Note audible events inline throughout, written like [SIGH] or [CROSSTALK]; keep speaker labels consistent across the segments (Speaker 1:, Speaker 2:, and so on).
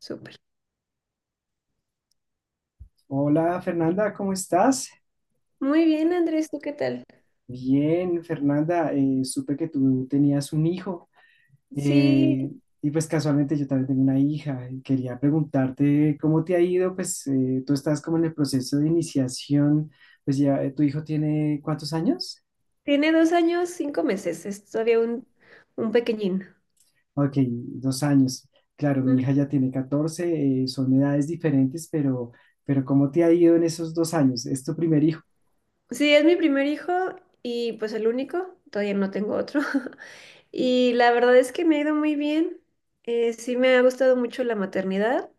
Speaker 1: Súper.
Speaker 2: Hola Fernanda, ¿cómo estás?
Speaker 1: Muy bien, Andrés, ¿tú qué tal?
Speaker 2: Bien, Fernanda, supe que tú tenías un hijo
Speaker 1: Sí,
Speaker 2: eh, y pues casualmente yo también tengo una hija. Y quería preguntarte cómo te ha ido, pues tú estás como en el proceso de iniciación, pues ya ¿tu hijo tiene cuántos años?
Speaker 1: tiene 2 años, 5 meses, es todavía un pequeñín.
Speaker 2: Ok, 2 años. Claro, mi
Speaker 1: Mm.
Speaker 2: hija ya tiene 14, son edades diferentes, pero, ¿cómo te ha ido en esos 2 años? ¿Es tu primer hijo?
Speaker 1: Sí, es mi primer hijo y pues el único, todavía no tengo otro. [LAUGHS] Y la verdad es que me ha ido muy bien. Sí, me ha gustado mucho la maternidad.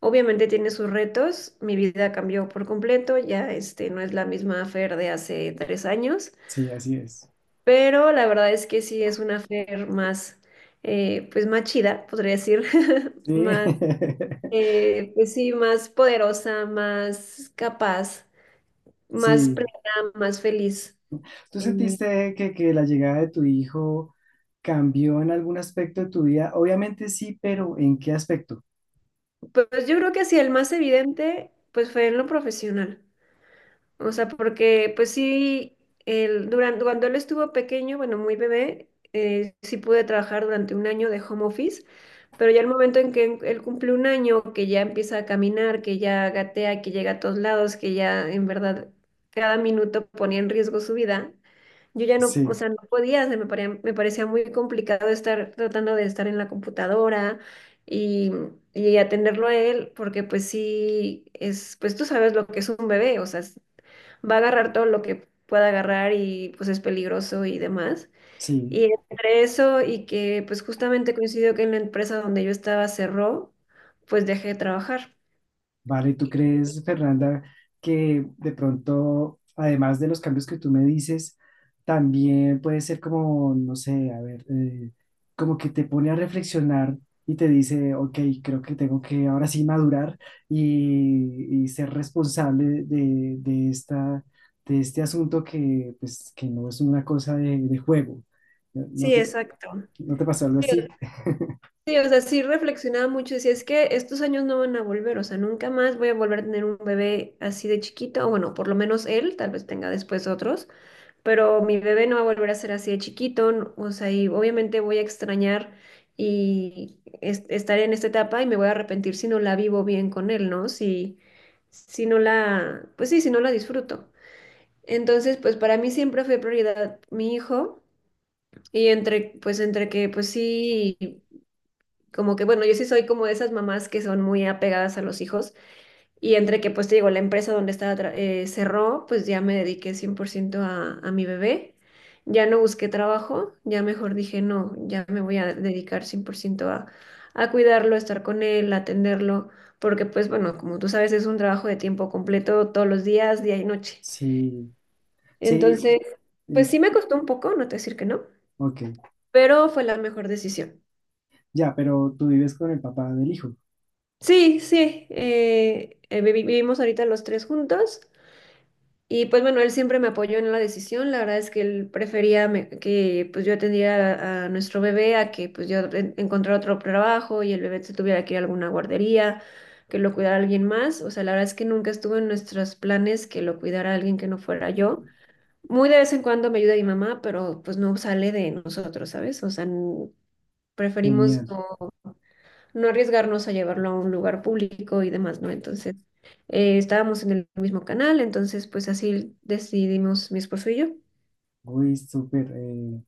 Speaker 1: Obviamente tiene sus retos, mi vida cambió por completo, ya no es la misma Fer de hace 3 años.
Speaker 2: Sí, así es.
Speaker 1: Pero la verdad es que sí es una fer más, pues más chida, podría decir, [LAUGHS]
Speaker 2: Sí,
Speaker 1: más, pues sí, más poderosa, más capaz,
Speaker 2: [LAUGHS]
Speaker 1: más
Speaker 2: sí,
Speaker 1: plena, más feliz.
Speaker 2: ¿tú
Speaker 1: Eh,
Speaker 2: sentiste que la llegada de tu hijo cambió en algún aspecto de tu vida? Obviamente sí, pero ¿en qué aspecto?
Speaker 1: pues yo creo que sí, el más evidente, pues fue en lo profesional. O sea, porque pues sí, durante, cuando él estuvo pequeño, bueno, muy bebé, sí pude trabajar durante un año de home office, pero ya el momento en que él cumple un año, que ya empieza a caminar, que ya gatea, que llega a todos lados, que ya en verdad cada minuto ponía en riesgo su vida, yo ya no, o
Speaker 2: Sí,
Speaker 1: sea, no podía, se me parecía muy complicado estar tratando de estar en la computadora y y atenderlo a él, porque pues sí, pues tú sabes lo que es un bebé, o sea, va a agarrar todo lo que pueda agarrar y pues es peligroso y demás.
Speaker 2: sí.
Speaker 1: Y entre eso y que pues justamente coincidió que en la empresa donde yo estaba cerró, pues dejé de trabajar.
Speaker 2: Vale, ¿tú crees, Fernanda, que de pronto, además de los cambios que tú me dices, también puede ser como, no sé, a ver, como que te pone a reflexionar y te dice, ok, creo que tengo que ahora sí madurar y ser responsable de, esta, de este asunto que, pues, que no es una cosa de juego? ¿No, no
Speaker 1: Sí,
Speaker 2: te,
Speaker 1: exacto.
Speaker 2: no te pasó algo así? [LAUGHS]
Speaker 1: Sí, o sea, sí reflexionaba mucho, decía, es que estos años no van a volver, o sea, nunca más voy a volver a tener un bebé así de chiquito, o bueno, por lo menos él, tal vez tenga después otros, pero mi bebé no va a volver a ser así de chiquito, o sea, y obviamente voy a extrañar y estar en esta etapa y me voy a arrepentir si no la vivo bien con él, ¿no? Si, si no la, pues sí, si no la disfruto. Entonces, pues para mí siempre fue prioridad mi hijo y entre que, pues sí. Como que, bueno, yo sí soy como de esas mamás que son muy apegadas a los hijos y entre que, pues te digo, la empresa donde estaba cerró, pues ya me dediqué 100% a mi bebé. Ya no busqué trabajo, ya mejor dije, no, ya me voy a dedicar 100% a cuidarlo, a estar con él, a atenderlo, porque pues bueno, como tú sabes, es un trabajo de tiempo completo todos los días, día y noche.
Speaker 2: Sí. Sí,
Speaker 1: Entonces, pues
Speaker 2: y-
Speaker 1: sí me costó un poco, no te voy a decir que no,
Speaker 2: ok,
Speaker 1: pero fue la mejor decisión.
Speaker 2: ya, pero tú vives con el papá del hijo.
Speaker 1: Sí, sí, vivimos ahorita los tres juntos y pues bueno, él siempre me apoyó en la decisión, la verdad es que él prefería que pues yo atendiera a nuestro bebé a que pues yo encontrara otro trabajo y el bebé se tuviera que ir a alguna guardería, que lo cuidara alguien más, o sea, la verdad es que nunca estuvo en nuestros planes que lo cuidara alguien que no fuera yo. Muy de vez en cuando me ayuda mi mamá, pero pues no sale de nosotros, ¿sabes? O sea, preferimos
Speaker 2: Genial,
Speaker 1: no arriesgarnos a llevarlo a un lugar público y demás, ¿no? Entonces, estábamos en el mismo canal, entonces pues así decidimos mi esposo y yo.
Speaker 2: uy, súper.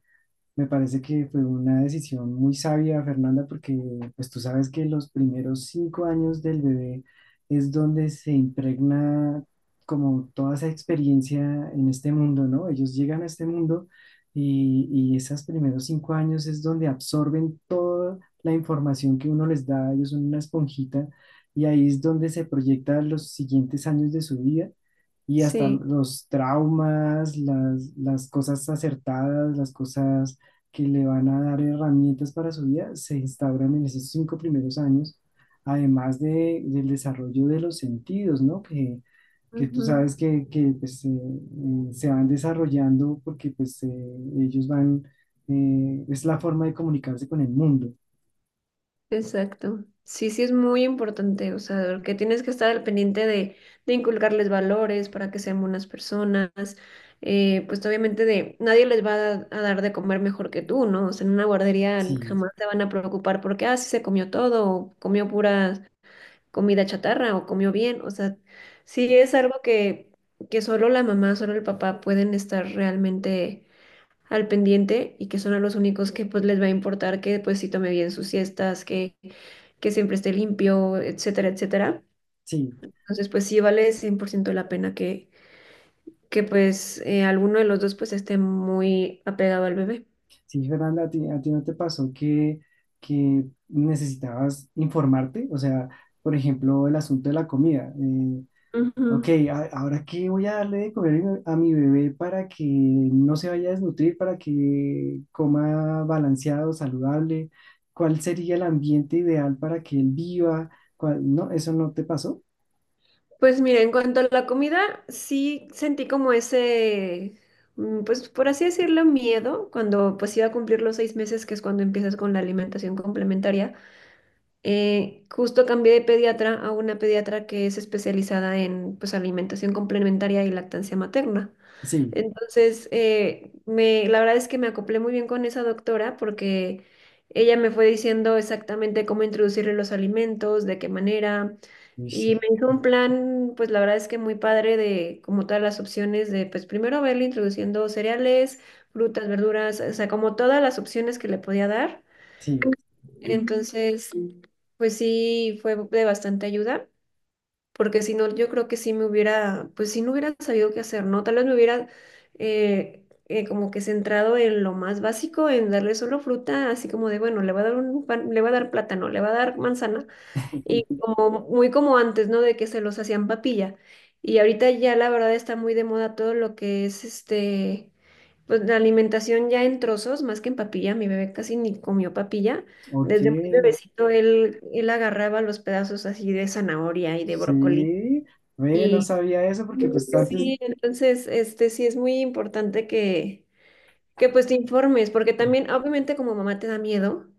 Speaker 2: Me parece que fue una decisión muy sabia, Fernanda, porque pues tú sabes que los primeros 5 años del bebé es donde se impregna como toda esa experiencia en este mundo, ¿no? Ellos llegan a este mundo y, y esos primeros 5 años es donde absorben toda la información que uno les da, ellos son una esponjita y ahí es donde se proyectan los siguientes años de su vida y hasta
Speaker 1: Sí,
Speaker 2: los traumas, las cosas acertadas, las cosas que le van a dar herramientas para su vida se instauran en esos 5 primeros años, además del desarrollo de los sentidos, ¿no? Que, tú
Speaker 1: ujú,
Speaker 2: sabes que, pues, se van desarrollando porque pues, ellos van, es la forma de comunicarse con el mundo.
Speaker 1: exacto. Sí, sí es muy importante, o sea, que tienes que estar al pendiente de inculcarles valores para que sean buenas personas, pues obviamente de nadie les va a dar de comer mejor que tú, ¿no? O sea, en una guardería
Speaker 2: Sí,
Speaker 1: jamás te van a preocupar porque, ah, sí se comió todo, o comió puras comida chatarra o comió bien. O sea, sí es algo que solo la mamá, solo el papá pueden estar realmente al pendiente y que son a los únicos que pues les va a importar que pues sí tome bien sus siestas, que siempre esté limpio, etcétera, etcétera.
Speaker 2: sí,
Speaker 1: Entonces pues sí vale 100% la pena que pues alguno de los dos pues esté muy apegado al bebé.
Speaker 2: sí, Fernanda, a ti, no te pasó que necesitabas informarte, o sea, por ejemplo, el asunto de la comida. Ok,
Speaker 1: Ujú.
Speaker 2: ahora qué voy a darle de comer a mi bebé para que no se vaya a desnutrir, para que coma balanceado, saludable. ¿Cuál sería el ambiente ideal para que él viva? No, ¿eso no te pasó?
Speaker 1: Pues mira, en cuanto a la comida, sí sentí como ese, pues por así decirlo, miedo cuando pues iba a cumplir los 6 meses, que es cuando empiezas con la alimentación complementaria. Justo cambié de pediatra a una pediatra que es especializada en pues alimentación complementaria y lactancia materna.
Speaker 2: Sí,
Speaker 1: Entonces, la verdad es que me acoplé muy bien con esa doctora porque ella me fue diciendo exactamente cómo introducirle los alimentos, de qué manera,
Speaker 2: uy,
Speaker 1: y me
Speaker 2: sí,
Speaker 1: hizo un plan, pues la verdad es que muy padre de como todas las opciones de, pues primero verle introduciendo cereales, frutas, verduras, o sea, como todas las opciones que le podía dar.
Speaker 2: sí.
Speaker 1: Ujú. Entonces, pues sí, fue de bastante ayuda porque si no, yo creo que sí me hubiera, pues sí no hubiera sabido qué hacer, ¿no? Tal vez me hubiera como que centrado en lo más básico, en darle solo fruta, así como de, bueno, le va a dar le va a dar plátano, le va a dar manzana, y
Speaker 2: [LAUGHS]
Speaker 1: como muy como antes, ¿no? De que se los hacían papilla. Y ahorita ya la verdad está muy de moda todo lo que es pues la alimentación ya en trozos, más que en papilla, mi bebé casi ni comió papilla.
Speaker 2: Ok,
Speaker 1: Desde muy bebecito él agarraba los pedazos así de zanahoria y de brócoli
Speaker 2: sí. Ve, no
Speaker 1: y
Speaker 2: sabía eso porque pues antes,
Speaker 1: sí, entonces, sí es muy importante que pues te informes, porque también obviamente como mamá te da miedo,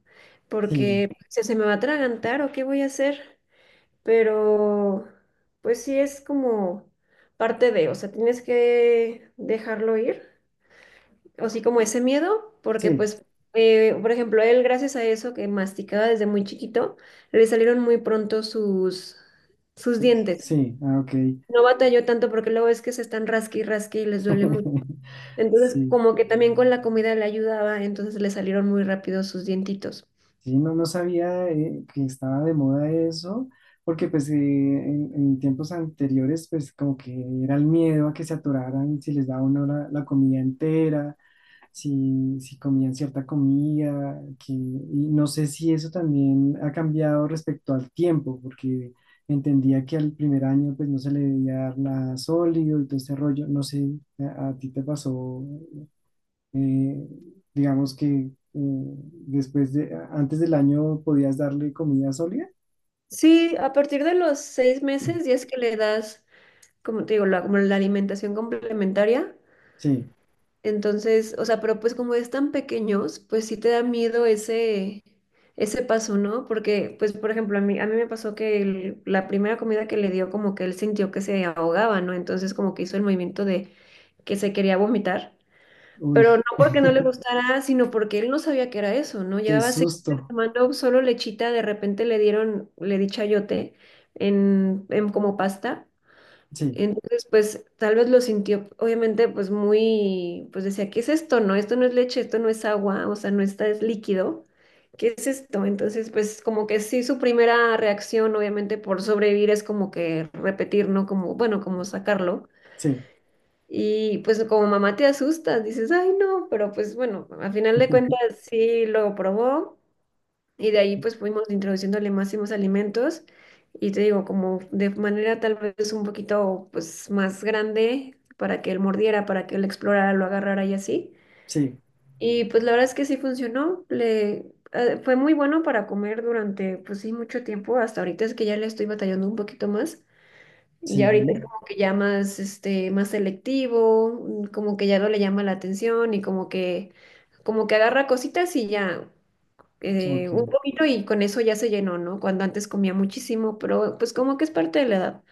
Speaker 2: sí,
Speaker 1: porque se me va a atragantar o qué voy a hacer, pero pues sí es como parte de, o sea, tienes que dejarlo ir, o sí como ese miedo, porque
Speaker 2: sí,
Speaker 1: pues, por ejemplo, él gracias a eso que masticaba desde muy chiquito, le salieron muy pronto sus
Speaker 2: sí,
Speaker 1: dientes.
Speaker 2: sí, ah, ok.
Speaker 1: No batalló tanto porque luego es que se están rasqui y rasqui y les duele mucho.
Speaker 2: [LAUGHS]
Speaker 1: Entonces,
Speaker 2: Sí.
Speaker 1: como que también con la comida le ayudaba, entonces le salieron muy rápido sus dientitos.
Speaker 2: Sí, no, no sabía que estaba de moda eso, porque pues en, tiempos anteriores pues como que era el miedo a que se atoraran si les daba uno la, comida entera, si comían cierta comida, que, y no sé si eso también ha cambiado respecto al tiempo, porque entendía que al primer año pues no se le debía dar nada sólido y todo este rollo, no sé, a, ti te pasó eh, digamos que después de, antes del año podías darle comida sólida.
Speaker 1: Sí, a partir de los 6 meses ya es que le das, como te digo, la alimentación complementaria.
Speaker 2: Sí,
Speaker 1: Entonces, o sea, pero pues como es tan pequeños, pues sí te da miedo ese paso, ¿no? Porque, pues, por ejemplo, a mí me pasó que la primera comida que le dio, como que él sintió que se ahogaba, ¿no? Entonces, como que hizo el movimiento de que se quería vomitar. Pero
Speaker 2: uy,
Speaker 1: no porque no le
Speaker 2: [LAUGHS]
Speaker 1: gustara, sino porque él no sabía que era eso, ¿no?
Speaker 2: qué
Speaker 1: Llevaba 6 meses
Speaker 2: susto.
Speaker 1: tomando solo lechita, de repente le di chayote en como pasta.
Speaker 2: Sí,
Speaker 1: Entonces, pues tal vez lo sintió, obviamente, pues muy, pues decía, ¿qué es esto? No, esto no es leche, esto no es agua, o sea, no está, es líquido. ¿Qué es esto? Entonces, pues como que sí, su primera reacción, obviamente, por sobrevivir es como que repetir, ¿no? Como, bueno, como sacarlo.
Speaker 2: sí,
Speaker 1: Y pues como mamá te asustas, dices, ay no, pero pues bueno, al final de cuentas sí lo probó y de ahí pues fuimos introduciéndole más y más alimentos y te digo, como de manera tal vez un poquito pues más grande para que él mordiera, para que él explorara, lo agarrara y así.
Speaker 2: sí,
Speaker 1: Y pues la verdad es que sí funcionó, le fue muy bueno para comer durante pues sí mucho tiempo, hasta ahorita es que ya le estoy batallando un poquito más. Ya ahorita es
Speaker 2: sí,
Speaker 1: como que ya más, más selectivo, como que ya no le llama la atención y como que agarra cositas y ya
Speaker 2: ok,
Speaker 1: un poquito y con eso ya se llenó, ¿no? Cuando antes comía muchísimo, pero pues como que es parte de la edad.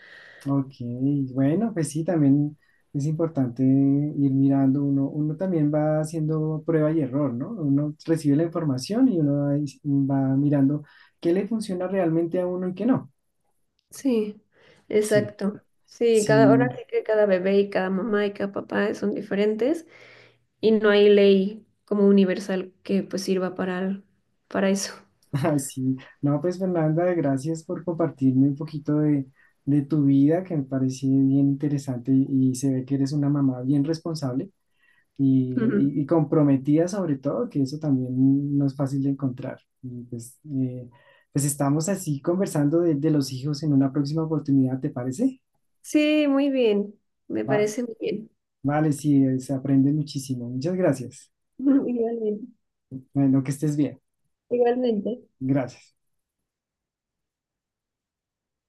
Speaker 2: ok. Bueno, pues sí, también es importante ir mirando, uno, también va haciendo prueba y error, ¿no? Uno recibe la información y uno va mirando qué le funciona realmente a uno y qué no.
Speaker 1: Sí,
Speaker 2: Sí,
Speaker 1: exacto. Sí, ahora
Speaker 2: sí,
Speaker 1: sí que cada bebé y cada mamá y cada papá son diferentes y no hay ley como universal que pues sirva para eso.
Speaker 2: [LAUGHS] ah, sí, no, pues Fernanda, gracias por compartirme un poquito de tu vida, que me parece bien interesante y se ve que eres una mamá bien responsable
Speaker 1: Ujú.
Speaker 2: y comprometida sobre todo, que eso también no es fácil de encontrar. Y pues, pues estamos así conversando de, los hijos en una próxima oportunidad, ¿te parece?
Speaker 1: Sí, muy bien. Me
Speaker 2: Va-
Speaker 1: parece muy bien.
Speaker 2: vale, sí, se aprende muchísimo. Muchas gracias.
Speaker 1: [LAUGHS] Igualmente.
Speaker 2: Bueno, que estés bien.
Speaker 1: Igualmente.
Speaker 2: Gracias.